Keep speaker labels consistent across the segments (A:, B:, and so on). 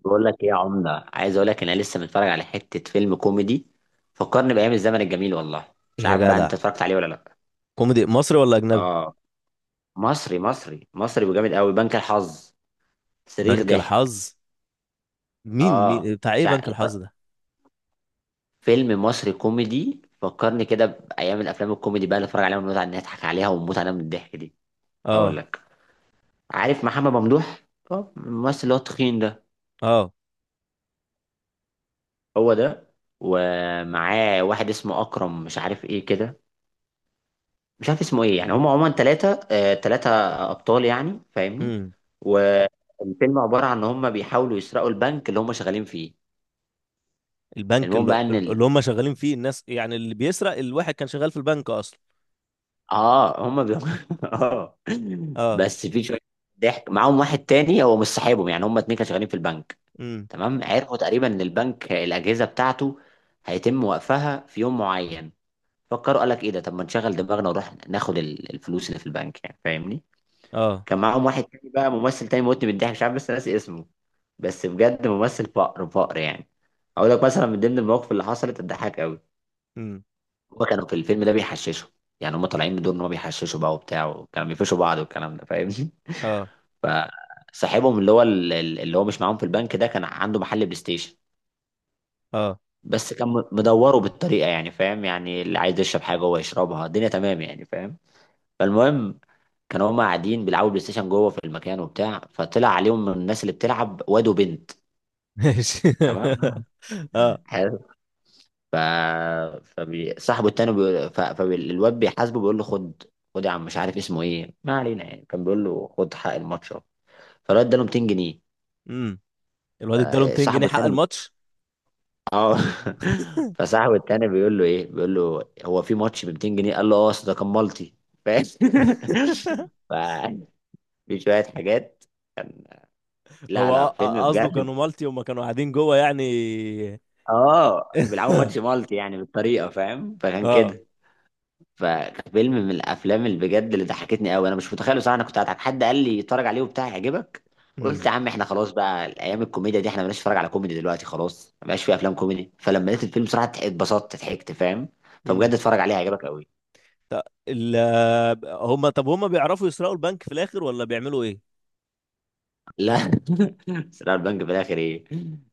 A: بقول لك ايه يا عمده، عايز اقول لك انا لسه متفرج على حته فيلم كوميدي فكرني بايام الزمن الجميل. والله مش
B: يا
A: عارف بقى انت
B: جدع،
A: اتفرجت عليه ولا لا.
B: كوميدي مصري ولا اجنبي؟
A: اه، مصري مصري وجامد قوي، بنك الحظ. صريخ
B: بنك
A: ضحك.
B: الحظ. مين
A: اه
B: بتاع ايه
A: مش
B: بنك
A: عارف،
B: الحظ ده؟
A: فيلم مصري كوميدي فكرني كده بايام الافلام الكوميدي بقى اللي اتفرج عليها ونقعد نضحك عليها ونموت عليها من الضحك دي. هقول
B: اه،
A: لك، عارف محمد ممدوح؟ اه الممثل اللي هو التخين ده.
B: اه.
A: هو ده. ومعاه واحد اسمه اكرم مش عارف ايه كده، مش عارف اسمه ايه، يعني هم عموما ثلاثة. ثلاثة ابطال يعني، فاهمني؟
B: امم.
A: والفيلم عبارة عن ان هم بيحاولوا يسرقوا البنك اللي هم شغالين فيه.
B: البنك
A: المهم
B: اللي,
A: بقى ان ال...
B: اللي هم شغالين فيه، الناس يعني اللي بيسرق الواحد كان شغال في البنك اصلا.
A: اه هم بي... اه
B: اه.
A: بس في شوية ضحك. معاهم واحد تاني هو مش صاحبهم، يعني هم اتنين كانوا شغالين في البنك.
B: امم.
A: تمام، عرفوا تقريبا ان البنك الاجهزة بتاعته هيتم وقفها في يوم معين. فكروا، قال لك ايه ده، طب ما نشغل دماغنا ونروح ناخد الفلوس اللي في البنك يعني، فاهمني؟
B: اه.
A: كان معاهم واحد تاني بقى ممثل تاني موتني بالضحك، مش عارف بس ناسي اسمه. بس بجد ممثل فقر يعني. اقول لك مثلا من ضمن المواقف اللي حصلت تضحك قوي.
B: امم.
A: هما كانوا في الفيلم ده بيحششوا، يعني هما طالعين بدور ان هما بيحششوا بقى وبتاع، وكانوا بيفشوا بعض والكلام ده، فاهمني؟
B: اه،
A: فصاحبهم اللي هو اللي هو مش معاهم في البنك ده كان عنده محل بلاي ستيشن،
B: اه،
A: بس كان مدوره بالطريقه، يعني فاهم؟ يعني اللي عايز يشرب حاجه هو يشربها، الدنيا تمام يعني، فاهم؟ فالمهم كانوا هما قاعدين بيلعبوا بلاي ستيشن جوه في المكان وبتاع، فطلع عليهم من الناس اللي بتلعب واد وبنت.
B: ماشي.
A: تمام،
B: اه.
A: حلو. ف صاحبه التاني فالواد بيحاسبه بيقول له خد، خد يا عم مش عارف اسمه ايه، ما علينا، يعني كان بيقول له خد حق الماتش أهو. فالواد اداله 200 جنيه.
B: امم. الواد اداله 200 جنيه
A: فصاحبه
B: حق
A: التاني بي...
B: الماتش.
A: اه فصاحبه التاني بيقول له ايه، بيقول له هو في ماتش ب 200 جنيه؟ قال له اه أصل ده كان مالتي، فاهم؟ ف- في شويه حاجات، لا لا
B: هو
A: فيلم
B: قصده
A: بجد.
B: كانوا مالتي وما كانوا قاعدين جوه يعني.
A: اه بيلعبوا ماتش مالتي يعني بالطريقه، فاهم؟ فكان
B: اه.
A: كده. ففيلم من الافلام اللي بجد اللي ضحكتني قوي، انا مش متخيل بصراحه انا كنت هضحك. حد قال لي اتفرج عليه وبتاع هيعجبك، قلت يا عم احنا خلاص بقى، الايام الكوميديا دي احنا مالناش، نتفرج على كوميدي دلوقتي خلاص، ما بقاش في افلام كوميدي. فلما لقيت الفيلم بصراحه اتبسطت ضحكت، فاهم؟ فبجد
B: امم.
A: اتفرج عليه هيعجبك قوي.
B: ط- ال هم طب هم بيعرفوا يسرقوا البنك في الاخر ولا بيعملوا ايه؟
A: لا سرقة البنك في الاخر ايه،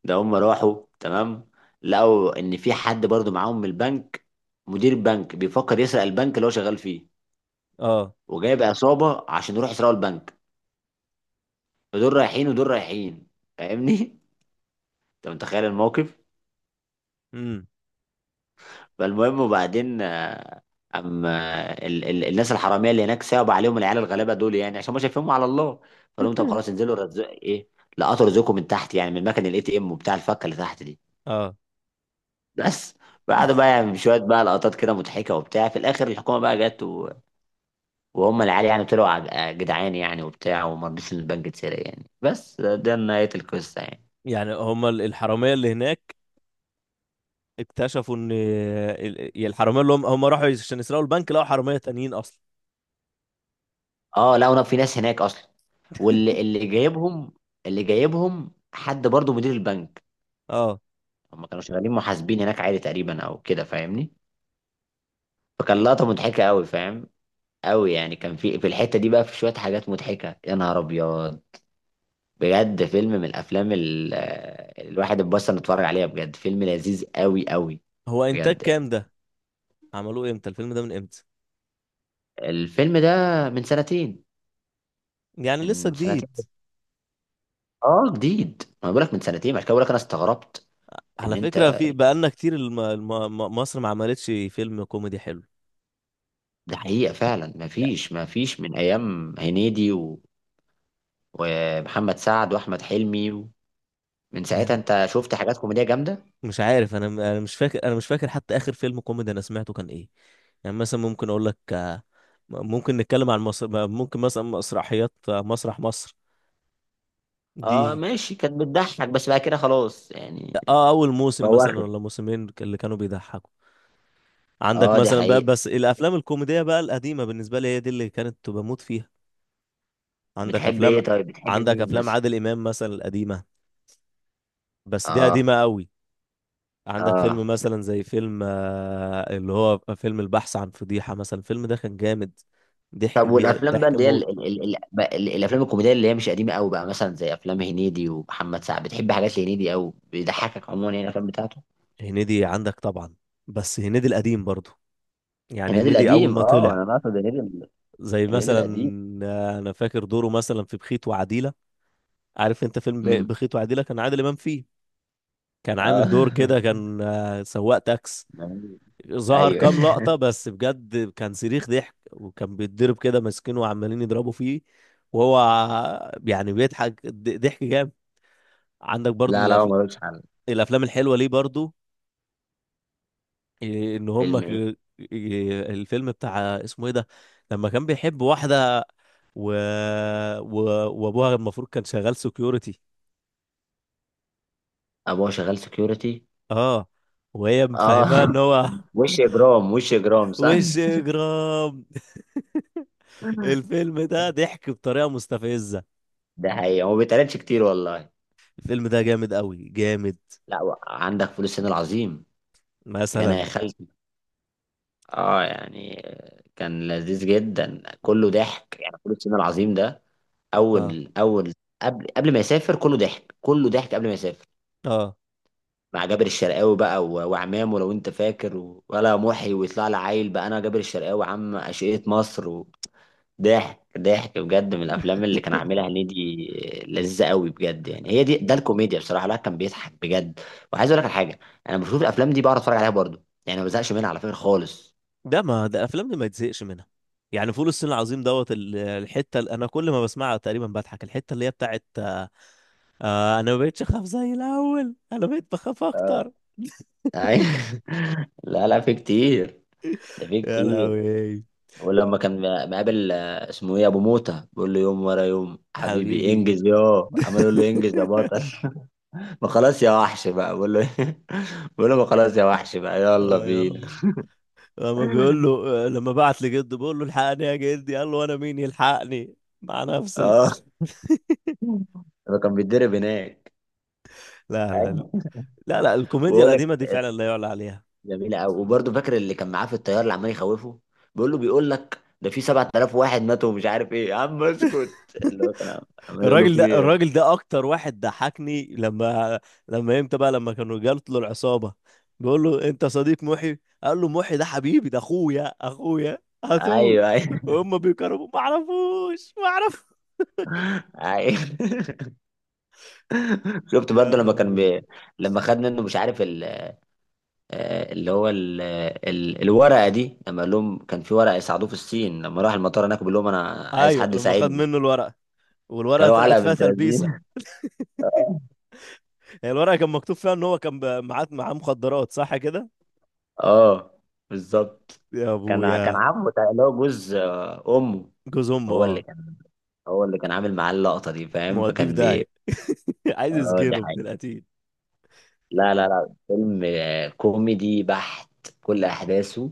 A: ده هم راحوا تمام لقوا ان في حد برضو معاهم من البنك، مدير بنك بيفكر يسرق البنك اللي هو شغال فيه
B: اه.
A: وجايب عصابه عشان يروحوا يسرقوا البنك. فدول رايحين ودول رايحين، فاهمني؟ انت متخيل الموقف؟
B: امم.
A: فالمهم وبعدين اما ال ال الناس الحراميه اللي هناك صعب عليهم العيال الغلابه دول، يعني عشان ما شايفينهم على الله، فقال لهم طب خلاص انزلوا رزق ايه. لقطوا رزقكم من تحت، يعني من مكان الاي تي ام وبتاع، الفكه اللي تحت دي
B: اه.
A: بس. بعد بقى يعني شويه بقى لقطات كده مضحكه وبتاع، في الاخر الحكومه بقى جت وهم العيال يعني طلعوا جدعان يعني وبتاع، وما رضيش ان البنك اتسرق يعني، بس ده ده نهايه القصه يعني.
B: يعني هم الحراميه اللي هناك اكتشفوا ان الحراميه اللي هم راحوا عشان يسرقوا البنك، لقوا حراميه تانيين اصلا.
A: اه لا انا في ناس هناك اصلا، واللي جايبهم، اللي جايبهم حد برضو مدير البنك.
B: اه.
A: هم كانوا شغالين محاسبين هناك عادي تقريبا او كده، فاهمني؟ فكان لقطه مضحكه قوي، فاهم؟ قوي يعني، كان في الحته دي بقى في شويه حاجات مضحكه يا نهار ابيض. بجد فيلم من الافلام الواحد اتبسط نتفرج عليها، بجد فيلم لذيذ قوي قوي.
B: هو انتاج
A: بجد يعني.
B: كام ده؟ عملوه امتى الفيلم ده، من امتى؟
A: الفيلم ده من سنتين.
B: يعني لسه
A: من
B: جديد؟
A: سنتين، اه جديد. ما بقولك من سنتين عشان كده بقولك انا استغربت ان
B: على فكره،
A: انت.
B: في بقالنا كتير، مصر ما عملتش فيلم كوميدي حلو.
A: ده حقيقة فعلا، مفيش مفيش من أيام هنيدي ومحمد سعد وأحمد حلمي من ساعتها
B: يعني
A: أنت شفت حاجات كوميدية جامدة؟
B: مش عارف، انا مش فاكر، انا مش فاكر حتى اخر فيلم كوميدي انا سمعته كان ايه. يعني مثلا ممكن اقول لك، ممكن نتكلم عن مصر، ممكن مثلا مسرحيات، مسرح مصر. دي.
A: أه ماشي، كانت بتضحك بس بقى كده خلاص يعني.
B: اه، اول موسم مثلا
A: بواخر.
B: ولا موسمين اللي كانوا بيضحكوا. عندك
A: أه دي
B: مثلا بقى
A: حقيقة.
B: بس الافلام الكوميديه بقى القديمه بالنسبه لي هي دي اللي كانت بموت فيها. عندك
A: بتحب
B: افلام.
A: إيه طيب؟ بتحب
B: عندك
A: مين
B: افلام
A: مثلا؟
B: عادل امام مثلا القديمه. بس دي
A: أه.
B: قديمه قوي. عندك
A: أه.
B: فيلم مثلا زي فيلم، اللي هو فيلم البحث عن فضيحة، مثلا الفيلم ده كان جامد.
A: طب والأفلام بقى
B: ضحك
A: اللي هي
B: موت.
A: الأفلام الكوميدية اللي هي مش قديمة أوي بقى، مثلا زي أفلام هنيدي ومحمد سعد، بتحب حاجات لهنيدي أوي بيضحكك عموما يعني الأفلام بتاعته؟
B: هنيدي عندك طبعا. بس هنيدي القديم برضو. يعني
A: هنيدي
B: هنيدي أول
A: القديم،
B: ما
A: أه
B: طلع.
A: أنا بقصد
B: زي
A: هنيدي
B: مثلا،
A: القديم.
B: أنا فاكر دوره مثلا في بخيت وعديلة. عارف أنت فيلم
A: امم.
B: بخيت وعديلة، كان عادل إمام فيه. كان عامل دور
A: اه
B: كده، كان، سواق تاكس. ظهر
A: ايوه
B: كام لقطة بس بجد كان صريخ ضحك، وكان بيتضرب كده ماسكينه وعمالين يضربوا فيه. وهو يعني بيضحك ضحك جامد. عندك برضو
A: لا لا هو ملوش حل.
B: الأفلام الحلوة ليه برضو. إيه، إن هم
A: فيلم
B: ك...
A: ايه؟
B: إيه، الفيلم بتاع اسمه إيه ده، لما كان بيحب واحدة و... و... وأبوها المفروض كان شغال سكيورتي.
A: ابوه شغال سكيورتي.
B: اه. وهي
A: اه
B: مفهماه إن هو.
A: وش اجرام، وش اجرام صح.
B: وش إجرام. الفيلم ده ضحك بطريقة مستفزة.
A: ده حقيقي، هو ما بيتقالش كتير والله.
B: الفيلم ده جامد قوي جامد.
A: لا عندك فول الصين العظيم، يا انا
B: مثلا.
A: يا خالتي. اه يعني كان لذيذ جدا كله ضحك يعني، فول الصين العظيم ده.
B: اه،
A: اول قبل، قبل ما يسافر كله ضحك، كله ضحك قبل ما يسافر،
B: اه.
A: مع جابر الشرقاوي بقى وعمامه لو انت فاكر ولا محي ويطلع لي عيل بقى انا جابر الشرقاوي عم اشقية مصر. ضحك ضحك بجد، من الافلام اللي كان عاملها هنيدي، لذيذه قوي بجد يعني. هي دي ده الكوميديا بصراحه، لا كان بيضحك بجد. وعايز اقول لك على حاجه، انا بشوف الافلام دي بقعد اتفرج عليها برضو يعني ما بزهقش منها على فكره خالص.
B: ده ما ده الافلام دي ما يتزهقش منها. يعني فول الصين العظيم دوت، الحته اللي انا كل ما بسمعها تقريبا بضحك، الحته اللي هي بتاعت آه، انا ما بقتش اخاف زي الاول انا بقيت بخاف اكتر.
A: أيوة. لا لا في كتير، ده في
B: يا
A: كتير.
B: لهوي.
A: ولما كان مقابل اسمه ايه، ابو موته، بيقول له يوم ورا يوم حبيبي
B: حبيبي.
A: انجز يا عمال، يقول له انجز يا بطل. ما خلاص يا وحش بقى، بقول له بقول له ما خلاص يا وحش بقى يلا
B: اه يا
A: بينا.
B: الله. لما بعت لجده بيقول له الحقني يا جدي، قال له انا مين يلحقني. مع نفسك.
A: اه هو كان بيتدرب هناك.
B: لا، لا.
A: ايوه.
B: لا، لا، الكوميديا
A: ويقول لك،
B: القديمه دي فعلا لا يعلى عليها.
A: جميله قوي. وبرضه فاكر اللي كان معاه في الطياره اللي عمال يخوفه، بيقول له، بيقول لك ده في 7000 واحد ماتوا ومش عارف ايه يا عم اسكت. اللي هو كان عمال يقول له
B: الراجل
A: في
B: ده
A: إيه؟
B: الراجل ده اكتر واحد ضحكني لما امتى بقى لما كانوا جات له العصابه، بيقول له انت صديق محي، قال له محي ده حبيبي، ده اخويا اخويا، هاتوه.
A: ايوه ايوه.
B: وهم بيكرموا ما اعرفوش ما اعرف.
A: ايوه شفت
B: يا
A: برضه لما كان
B: خرابي.
A: لما خد منه مش عارف ال... آه، اللي هو ال... ال... الورقه دي لما قال لهم، كان في ورقه يساعدوه في الصين، لما راح المطار هناك بيقول لهم انا عايز
B: ايوه
A: حد
B: لما خد
A: يساعدني.
B: منه الورقه، والورقه
A: كانوا
B: طلعت
A: علقه
B: فيها
A: بنت
B: تلبيسه.
A: لذينه.
B: هي الورقه كان مكتوب فيها ان هو كان، معاه مخدرات، صح كده؟
A: اه بالظبط.
B: يا
A: كان كان
B: ابويا.
A: عمه اللي هو جوز امه
B: جوز امه،
A: هو اللي
B: اه.
A: كان، هو اللي كان عامل معاه اللقطه دي، فاهم؟
B: موديه في
A: فكان
B: داهيه.
A: بي.
B: عايز
A: اه دي
B: يسجنه ابن
A: حقيقة.
B: القتيل.
A: لا لا لا فيلم كوميدي بحت، كل احداثه،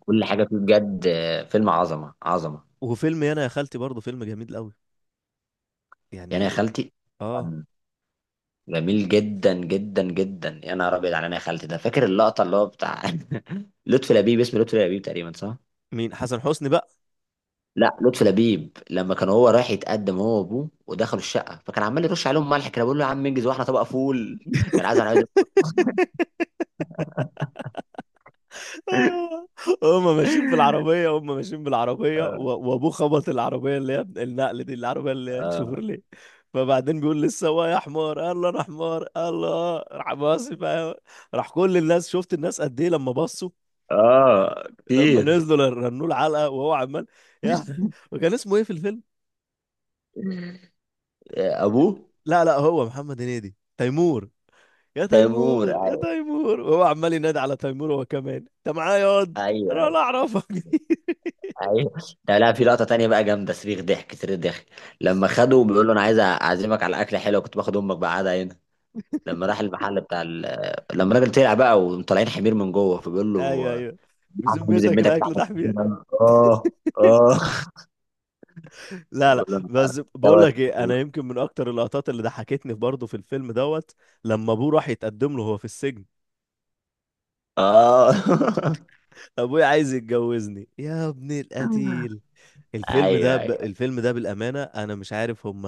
A: كل حاجه فيه بجد فيلم عظمه عظمه
B: وفيلم يانا يا خالتي برضه فيلم جميل قوي.
A: يعني. يا
B: يعني.
A: خالتي
B: اه.
A: كان جميل جدا جدا جدا، يا نهار ابيض على انا يا خالتي ده. فاكر اللقطه اللي هو بتاع لطفي لبيب، اسمه لطفي لبيب تقريبا صح؟
B: مين، حسن حسني بقى؟
A: لا لطفي لبيب، لما كان هو رايح يتقدم هو وابوه ودخلوا الشقه، فكان عمال يرش عليهم ملح كده بيقول له يا عم انجز واحنا طبق فول. كان عايز، انا عايز.
B: هم ماشيين في العربية، هم ماشيين بالعربية،
A: اه.
B: وابوه خبط العربية اللي هي النقل دي، العربية اللي هي
A: اه.
B: الشوفرليه. فبعدين بيقول للسواق يا حمار، قال له انا حمار؟ قال له اه. راح باصي بقى، راح كل الناس، شفت الناس قد ايه لما بصوا. لما
A: كتير.
B: نزلوا رنوا العلقة وهو عمال، يا. وكان اسمه ايه في الفيلم؟
A: ابوه
B: لا، لا، هو محمد هنيدي تيمور. يا
A: تيمور.
B: تيمور، يا تيمور، وهو عمال ينادي على تيمور، هو كمان انت معايا ياض؟ انا ولا
A: ايوه
B: اعرفك.
A: ايوه. ده لا في لقطه تانية بقى جامده صريخ ضحك صريخ ضحك. لما خده بيقول له انا عايز اعزمك على اكله حلوه كنت باخد امك بقى قاعده هنا، لما راح المحل بتاع ال... لما الراجل طلع بقى وطالعين حمير من جوه، فبيقول
B: ايوه،
A: له
B: ايوه.
A: لحمه دي
B: بذمتك
A: بذمتك،
B: الاكل
A: لحمه
B: ده
A: دي
B: حبيبي.
A: بذمتك؟ اه. اه.
B: لا، لا،
A: بقول له انا أنا
B: بس بقول
A: دوت
B: لك ايه،
A: مبهور.
B: انا يمكن من اكتر اللقطات اللي ضحكتني برضه في الفيلم دوت، لما ابوه راح يتقدم له هو في السجن،
A: اه
B: ابويا عايز يتجوزني يا ابن القتيل.
A: ايوه ايوه.
B: الفيلم ده بالامانه انا مش عارف هم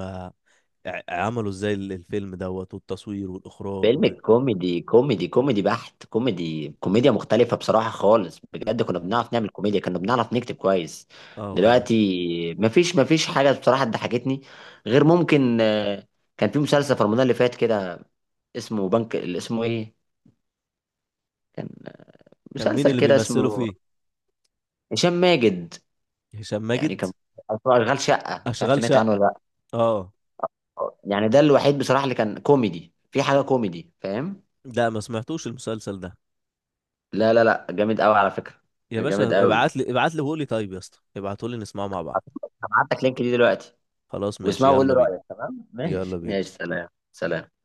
B: عملوا ازاي الفيلم دوت والتصوير والاخراج
A: فيلم كوميدي كوميدي بحت، كوميدي كوميديا مختلفه بصراحه خالص بجد، كنا بنعرف نعمل كوميديا، كنا بنعرف نكتب كويس.
B: اه والله.
A: دلوقتي مفيش، مفيش حاجه بصراحه ضحكتني غير ممكن كان في مسلسل في رمضان اللي فات كده اسمه بنك اللي اسمه ايه، كان
B: كان مين
A: مسلسل
B: اللي
A: كده
B: بيمثله
A: اسمه.
B: فيه؟
A: هشام ماجد.
B: هشام
A: يعني
B: ماجد.
A: كان، أو اسمه اشغال شقه، مش عارف
B: اشغال
A: سمعت
B: شقه.
A: عنه ولا لا.
B: اه.
A: يعني ده الوحيد بصراحة اللي كان كوميدي في حاجة كوميدي، فاهم؟
B: لا، ما سمعتوش المسلسل ده.
A: لا لا لا جامد قوي على فكرة،
B: يا باشا،
A: جامد قوي.
B: ابعت لي، ابعت لي، وقول لي طيب يا اسطى، ابعتوا لي نسمعه مع بعض.
A: هبعت لك لينك دي دلوقتي،
B: خلاص ماشي،
A: واسمعه وقول لي
B: يلا بينا.
A: رأيك تمام.
B: يلا
A: ماشي
B: بينا.
A: ماشي، سلام سلام.